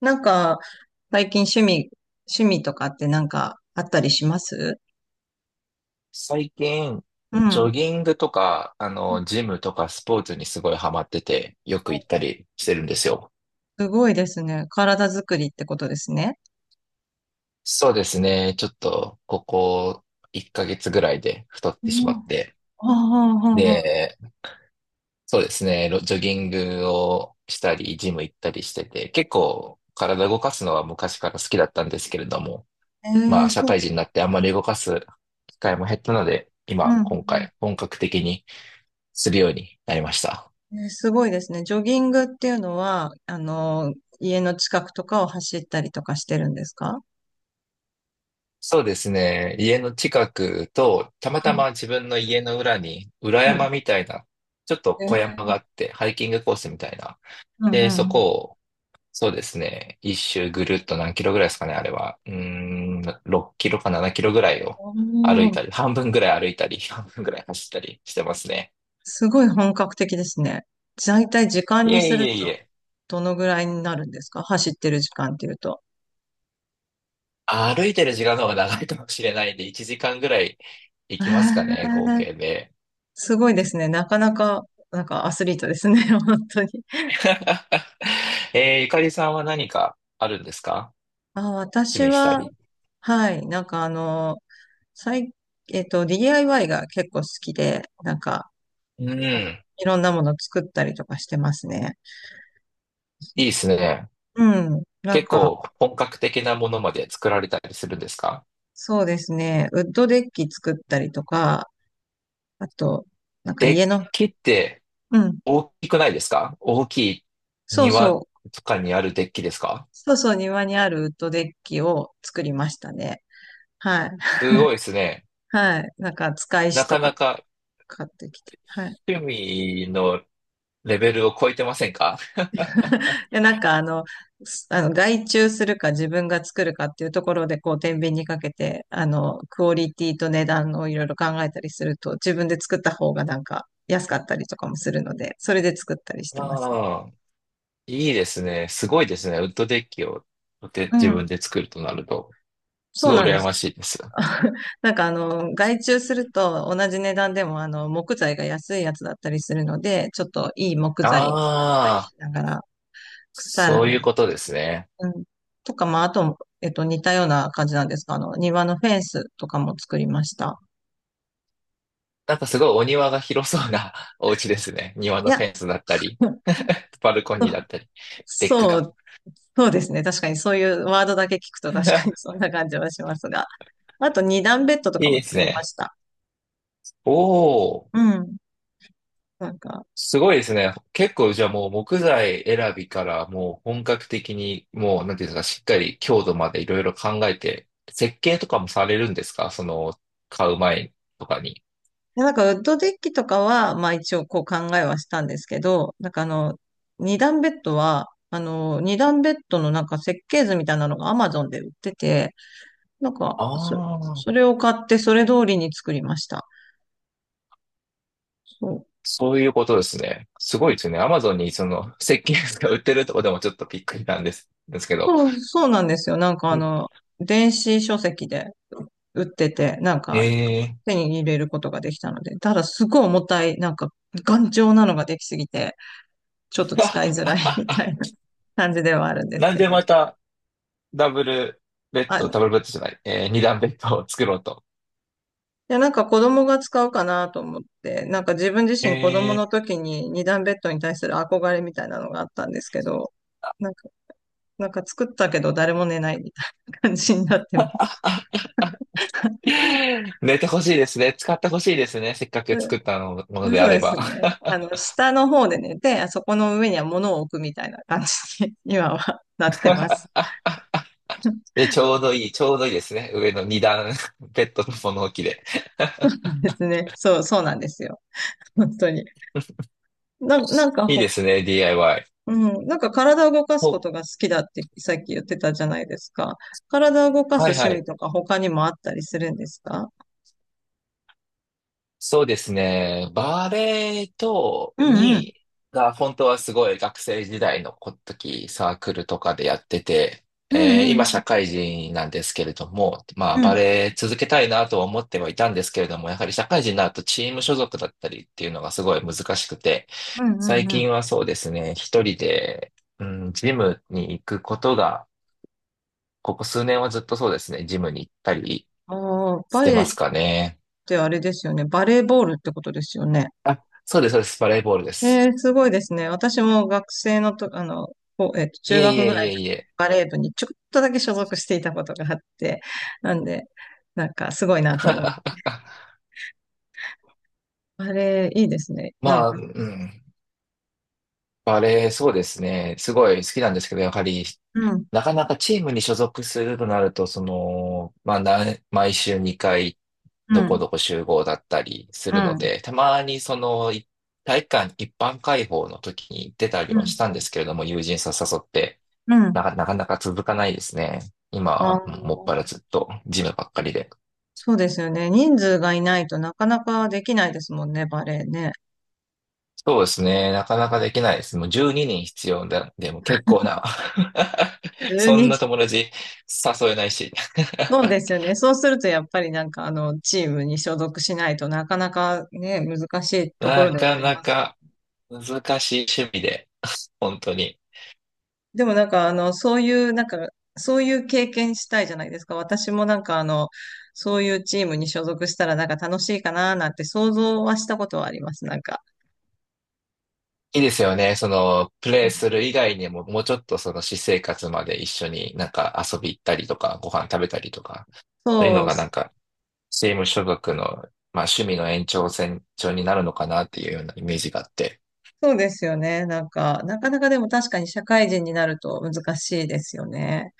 なんか、最近趣味とかってなんかあったりします？最近、うジん。ョギングとか、ジムとかスポーツにすごいハマってて、よく行ったりしてるんですよ。すごいですね。体作りってことですね。そうですね。ちょっと、ここ1ヶ月ぐらいで太っうてしまっん。て。ああ、ああ、ああ。で、そうですね。ロジョギングをしたり、ジム行ったりしてて、結構体動かすのは昔から好きだったんですけれども、ええ、社そう。会人になってあんまり動かす機会も減ったので、うん。う今ん。回、本格的にするようになりました。すごいですね。ジョギングっていうのは、あの、家の近くとかを走ったりとかしてるんですか？そうですね。家の近くと、たまうたん。ま自分の家の裏に、裏うん。山みたいな、ちょっとえ小山がーあって、ハイキングコースみたいな。うんうで、そんうん。こを、そうですね。一周ぐるっと何キロぐらいですかね、あれは。6キロか7キロぐらいおを歩いー。たり、半分ぐらい歩いたり、半分ぐらい走ったりしてますね。すごい本格的ですね。大体時間いにえすいるえいと、え。どのぐらいになるんですか？走ってる時間っていうと。歩いてる時間の方が長いかもしれないんで、1時間ぐらい行えきますかね、合ー計で。すごいですね。なかなか、なんかアスリートですね。本当に。ゆかりさんは何かあるんですか？あ、趣私味したは、り。はい、なんかあの、最、えっと、DIY が結構好きで、なんか、うん。いろんなもの作ったりとかしてますね。いいですね。うん。なん結か、構本格的なものまで作られたりするんですか？そうですね。ウッドデッキ作ったりとか、あと、なんかデッ家の、キってうん。大きくないですか？大きいそうそ庭う。とかにあるデッキですか？そうそう、庭にあるウッドデッキを作りましたね。はい。す ごいですね。はい。なんか、使いな石とかかなか買ってきて。はい。趣味のレベルを超えてませんか？で、なんかあの、外注するか自分が作るかっていうところで、こう、天秤にかけて、あの、クオリティと値段をいろいろ考えたりすると、自分で作った方がなんか安かったりとかもするので、それで作ったりしてます。ああ、いいですね。すごいですね。ウッドデッキをでう自ん。分で作るとなると、すそうごいなんで羨ます。しいです。なんかあの、外注すると同じ値段でもあの、木材が安いやつだったりするので、ちょっといい木材を使ったりあ、しながら、腐そらういなうい、ことですね。うん、とか、まあ、あと、似たような感じなんですが、あの、庭のフェンスとかも作りました。なんかすごいお庭が広そうな お家ですね。庭いのフや、ェンスだったり、バルコニーだったり、デックそが。う、そうですね。確かにそういうワードだけ聞くと確かに そんな感じはしますが。あと、二段ベッドといかいもです作りまね。した。おー。うん。なんか、すごいですね。結構じゃあもう木材選びからもう本格的にもうなんていうんですか、しっかり強度までいろいろ考えて、設計とかもされるんですか？その買う前とかに。でなんかウッドデッキとかは、まあ一応こう考えはしたんですけど、なんかあの、二段ベッドは、あの、二段ベッドのなんか設計図みたいなのが Amazon で売ってて、なんか、ああ、それを買ってそれ通りに作りました。そうそういうことですね。すごいですね。アマゾンにその設計図が売ってるとこでもちょっとびっくりなんです、ですけど。そう、そうなんですよ。なんかあんの、電子書籍で売ってて、なんえかえ。 手に入れることができたので、ただすごい重たい、なんか頑丈なのができすぎて、ちょっと使いづらい みたいな 感じではあるんですなんけでまど。たダブルベッあ、ド、ダブいルベッドじゃない、二段ベッドを作ろうと。や、なんか子供が使うかなと思って、なんか自分自身子供えの時に二段ベッドに対する憧れみたいなのがあったんですけど、なんか、なんか作ったけど誰も寝ないみたいな感じになってます。ー、寝てほしいですね。使ってほしいですね。せっかく作ったのものでそあうれですば。ね。あの、下の方で寝て、あそこの上には物を置くみたいな感じに 今はなってます。で、ちょうどいいですね。上の二段 ベッドの物置で。ですね。そう、そうなんですよ。本当に。な、なんかいいほ、ですね、DIY。うん、なんか体を動かすお、ことほが好きだってさっき言ってたじゃないですか。体を動かすはい趣は味い。とか他にもあったりするんですか？そうですね。バレエと、うんうん。に、が、本当はすごい学生時代の時、サークルとかでやってて、うんう今ん社会人なんですけれども、まあうん。うバんレエ続けたいなとは思ってはいたんですけれども、やはり社会人になるとチーム所属だったりっていうのがすごい難しくて、うんう最んうん。近はそうですね、一人で、うん、ジムに行くことが、ここ数年はずっとそうですね、ジムに行ったりああ、しバてレエまっすかね。てあれですよね。バレーボールってことですよね。あ、そうです、そうです、バレーボールです。えー、すごいですね。私も学生のと、あの、こう、い中えい学えぐらいいのえ時いえ。バレー部にちょっとだけ所属していたことがあって、なんで、なんかすごいなと思う。バレーいいですね。なんまあ、うか、ん。バレー、そうですね。すごい好きなんですけど、やはり、うん、なかなかチームに所属するとなると、毎週2回、うどこん、どこ集合だったりすうるのん、で、たまにその、い体育館一般開放の時に出たりうはしん、たんですけれども、友人さ誘って、うん。なかなか続かないですね。今あは、もっぱの、らずっと、ジムばっかりで。そうですよね。人数がいないとなかなかできないですもんね、バレーね。そうですね。なかなかできないです。もう12人必要だ。でも結構な。1そん人。な友達誘えないし。そうですよ ね。そうするとやっぱりなんかあの、チームに所属しないとなかなかね、難しいところなではかありなます。か難しい趣味で、本当に。でもなんかあの、そういう、なんか、そういう経験したいじゃないですか。私もなんかあの、そういうチームに所属したらなんか楽しいかななんて想像はしたことはあります。なんか。いいですよね。その、プうレイん。する以外にも、もうちょっとその私生活まで一緒になんか遊び行ったりとか、ご飯食べたりとか、そういうそのう、がなんか、チーム所属の、まあ趣味の延長線上になるのかなっていうようなイメージがあって。そうですよね。なんか、なかなかでも確かに社会人になると難しいですよね。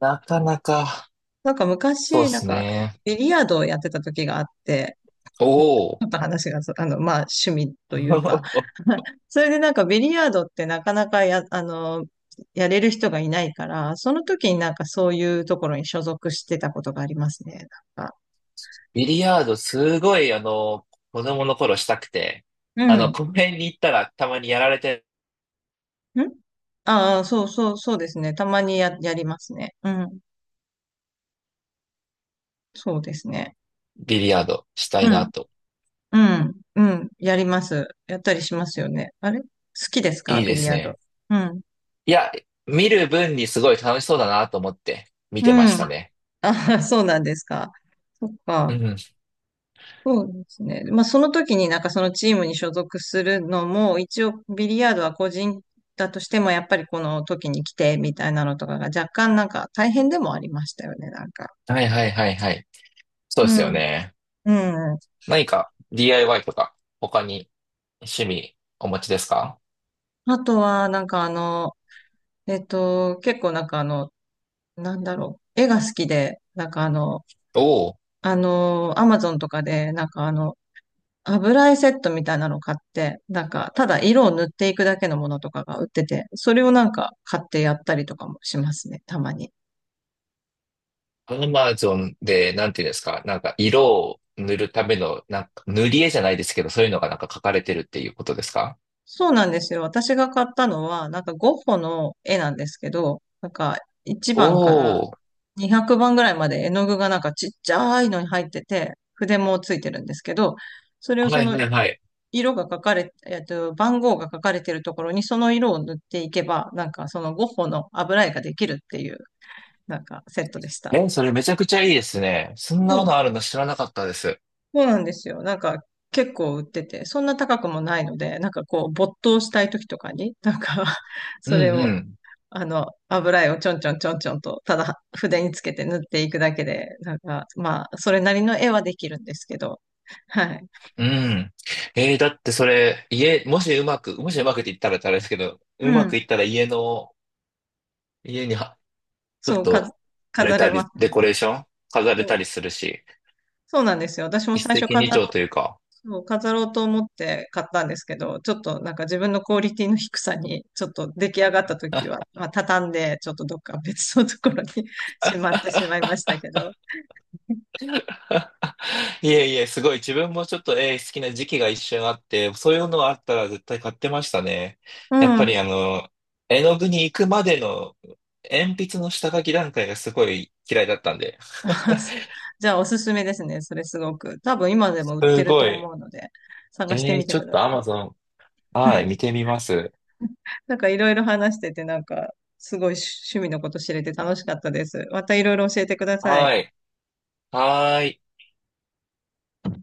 なかなか、なんかそうで昔、なんすか、ね。ビリヤードをやってた時があって、おお。ちょっと話があの、まあ、趣味というか。それでなんかビリヤードってなかなかあの、やれる人がいないから、その時になんかそういうところに所属してたことがありますね。なんか。ビリヤードすごい、子供の頃したくて、あの、う公園に行ったらたまにやられてん。ん、ああー、そうそう、そうですね。たまにやりますね。うん。そうですね。ビリヤードしたういなん。と。うん。うん。やります。やったりしますよね。あれ好きですか？いいビでリすヤード。ね。うん。いや、見る分にすごい楽しそうだなと思って見うてましん。たね。ああ、そうなんですか。そっうか。ん。そうですね。まあ、その時になんかそのチームに所属するのも、一応ビリヤードは個人だとしても、やっぱりこの時に来てみたいなのとかが若干なんか大変でもありましたよね、なんか。はいはいはいはい。そうでうすよん。ね。うん。何か DIY とか他に趣味お持ちですか？あとは、なんかあの、結構なんかあの、なんだろう、絵が好きで、なんかあの、おお。あの、アマゾンとかで、なんかあの、油絵セットみたいなの買って、なんか、ただ色を塗っていくだけのものとかが売ってて、それをなんか買ってやったりとかもしますね、たまに。ー、アマゾンでなんていうんですか、なんか色を塗るための、なんか塗り絵じゃないですけど、そういうのがなんか書かれてるっていうことですか？そうなんですよ。私が買ったのは、なんかゴッホの絵なんですけど、なんか1番からおー、200番ぐらいまで絵の具がなんかちっちゃいのに入ってて、筆もついてるんですけど、それをそはいのはいはい。色が書かれ、えっと、番号が書かれてるところにその色を塗っていけば、なんかそのゴッホの油絵ができるっていう、なんかセットでした。え、それめちゃくちゃいいですね。そんそなもう、のあるの知らなかったです。そうなんですよ。なんか結構売ってて、そんな高くもないので、なんかこう没頭したい時とかに、なんか うそれんうを、ん。あの、油絵をちょんちょんちょんちょんと、ただ筆につけて塗っていくだけで、なんかまあ、それなりの絵はできるんですけど、はい。うん。えーだってそれ、もしうまく、もしうまくって言ったらあれですけど、ううまくん。いったら家には、ちょっそう、か、と、あれ飾たれり、ますよデコレーね。ション飾れそたう、りするし、そうなんですよ。私も一最石初二鳥というか。そう、飾ろうと思って買ったんですけど、ちょっとなんか自分のクオリティの低さに、ちょっと出来上がった時は、まあ、畳んで、ちょっとどっか別のところに しまってしまいましたけど。いえいえ、すごい。自分もちょっと絵好きな時期が一瞬あって、そういうのあったら絶対買ってましたね。やっうぱん。りあ の、絵の具に行くまでの鉛筆の下書き段階がすごい嫌いだったんで。あ、そう、じゃあおすすめですね。それすごく。多分今でも 売ってするごとい。思うので、探してえみー、てちょくっだと さい。Amazon、はい、見てみます。なんかいろいろ話してて、なんかすごい趣味のこと知れて楽しかったです。またいろいろ教えてください。はい。はーい。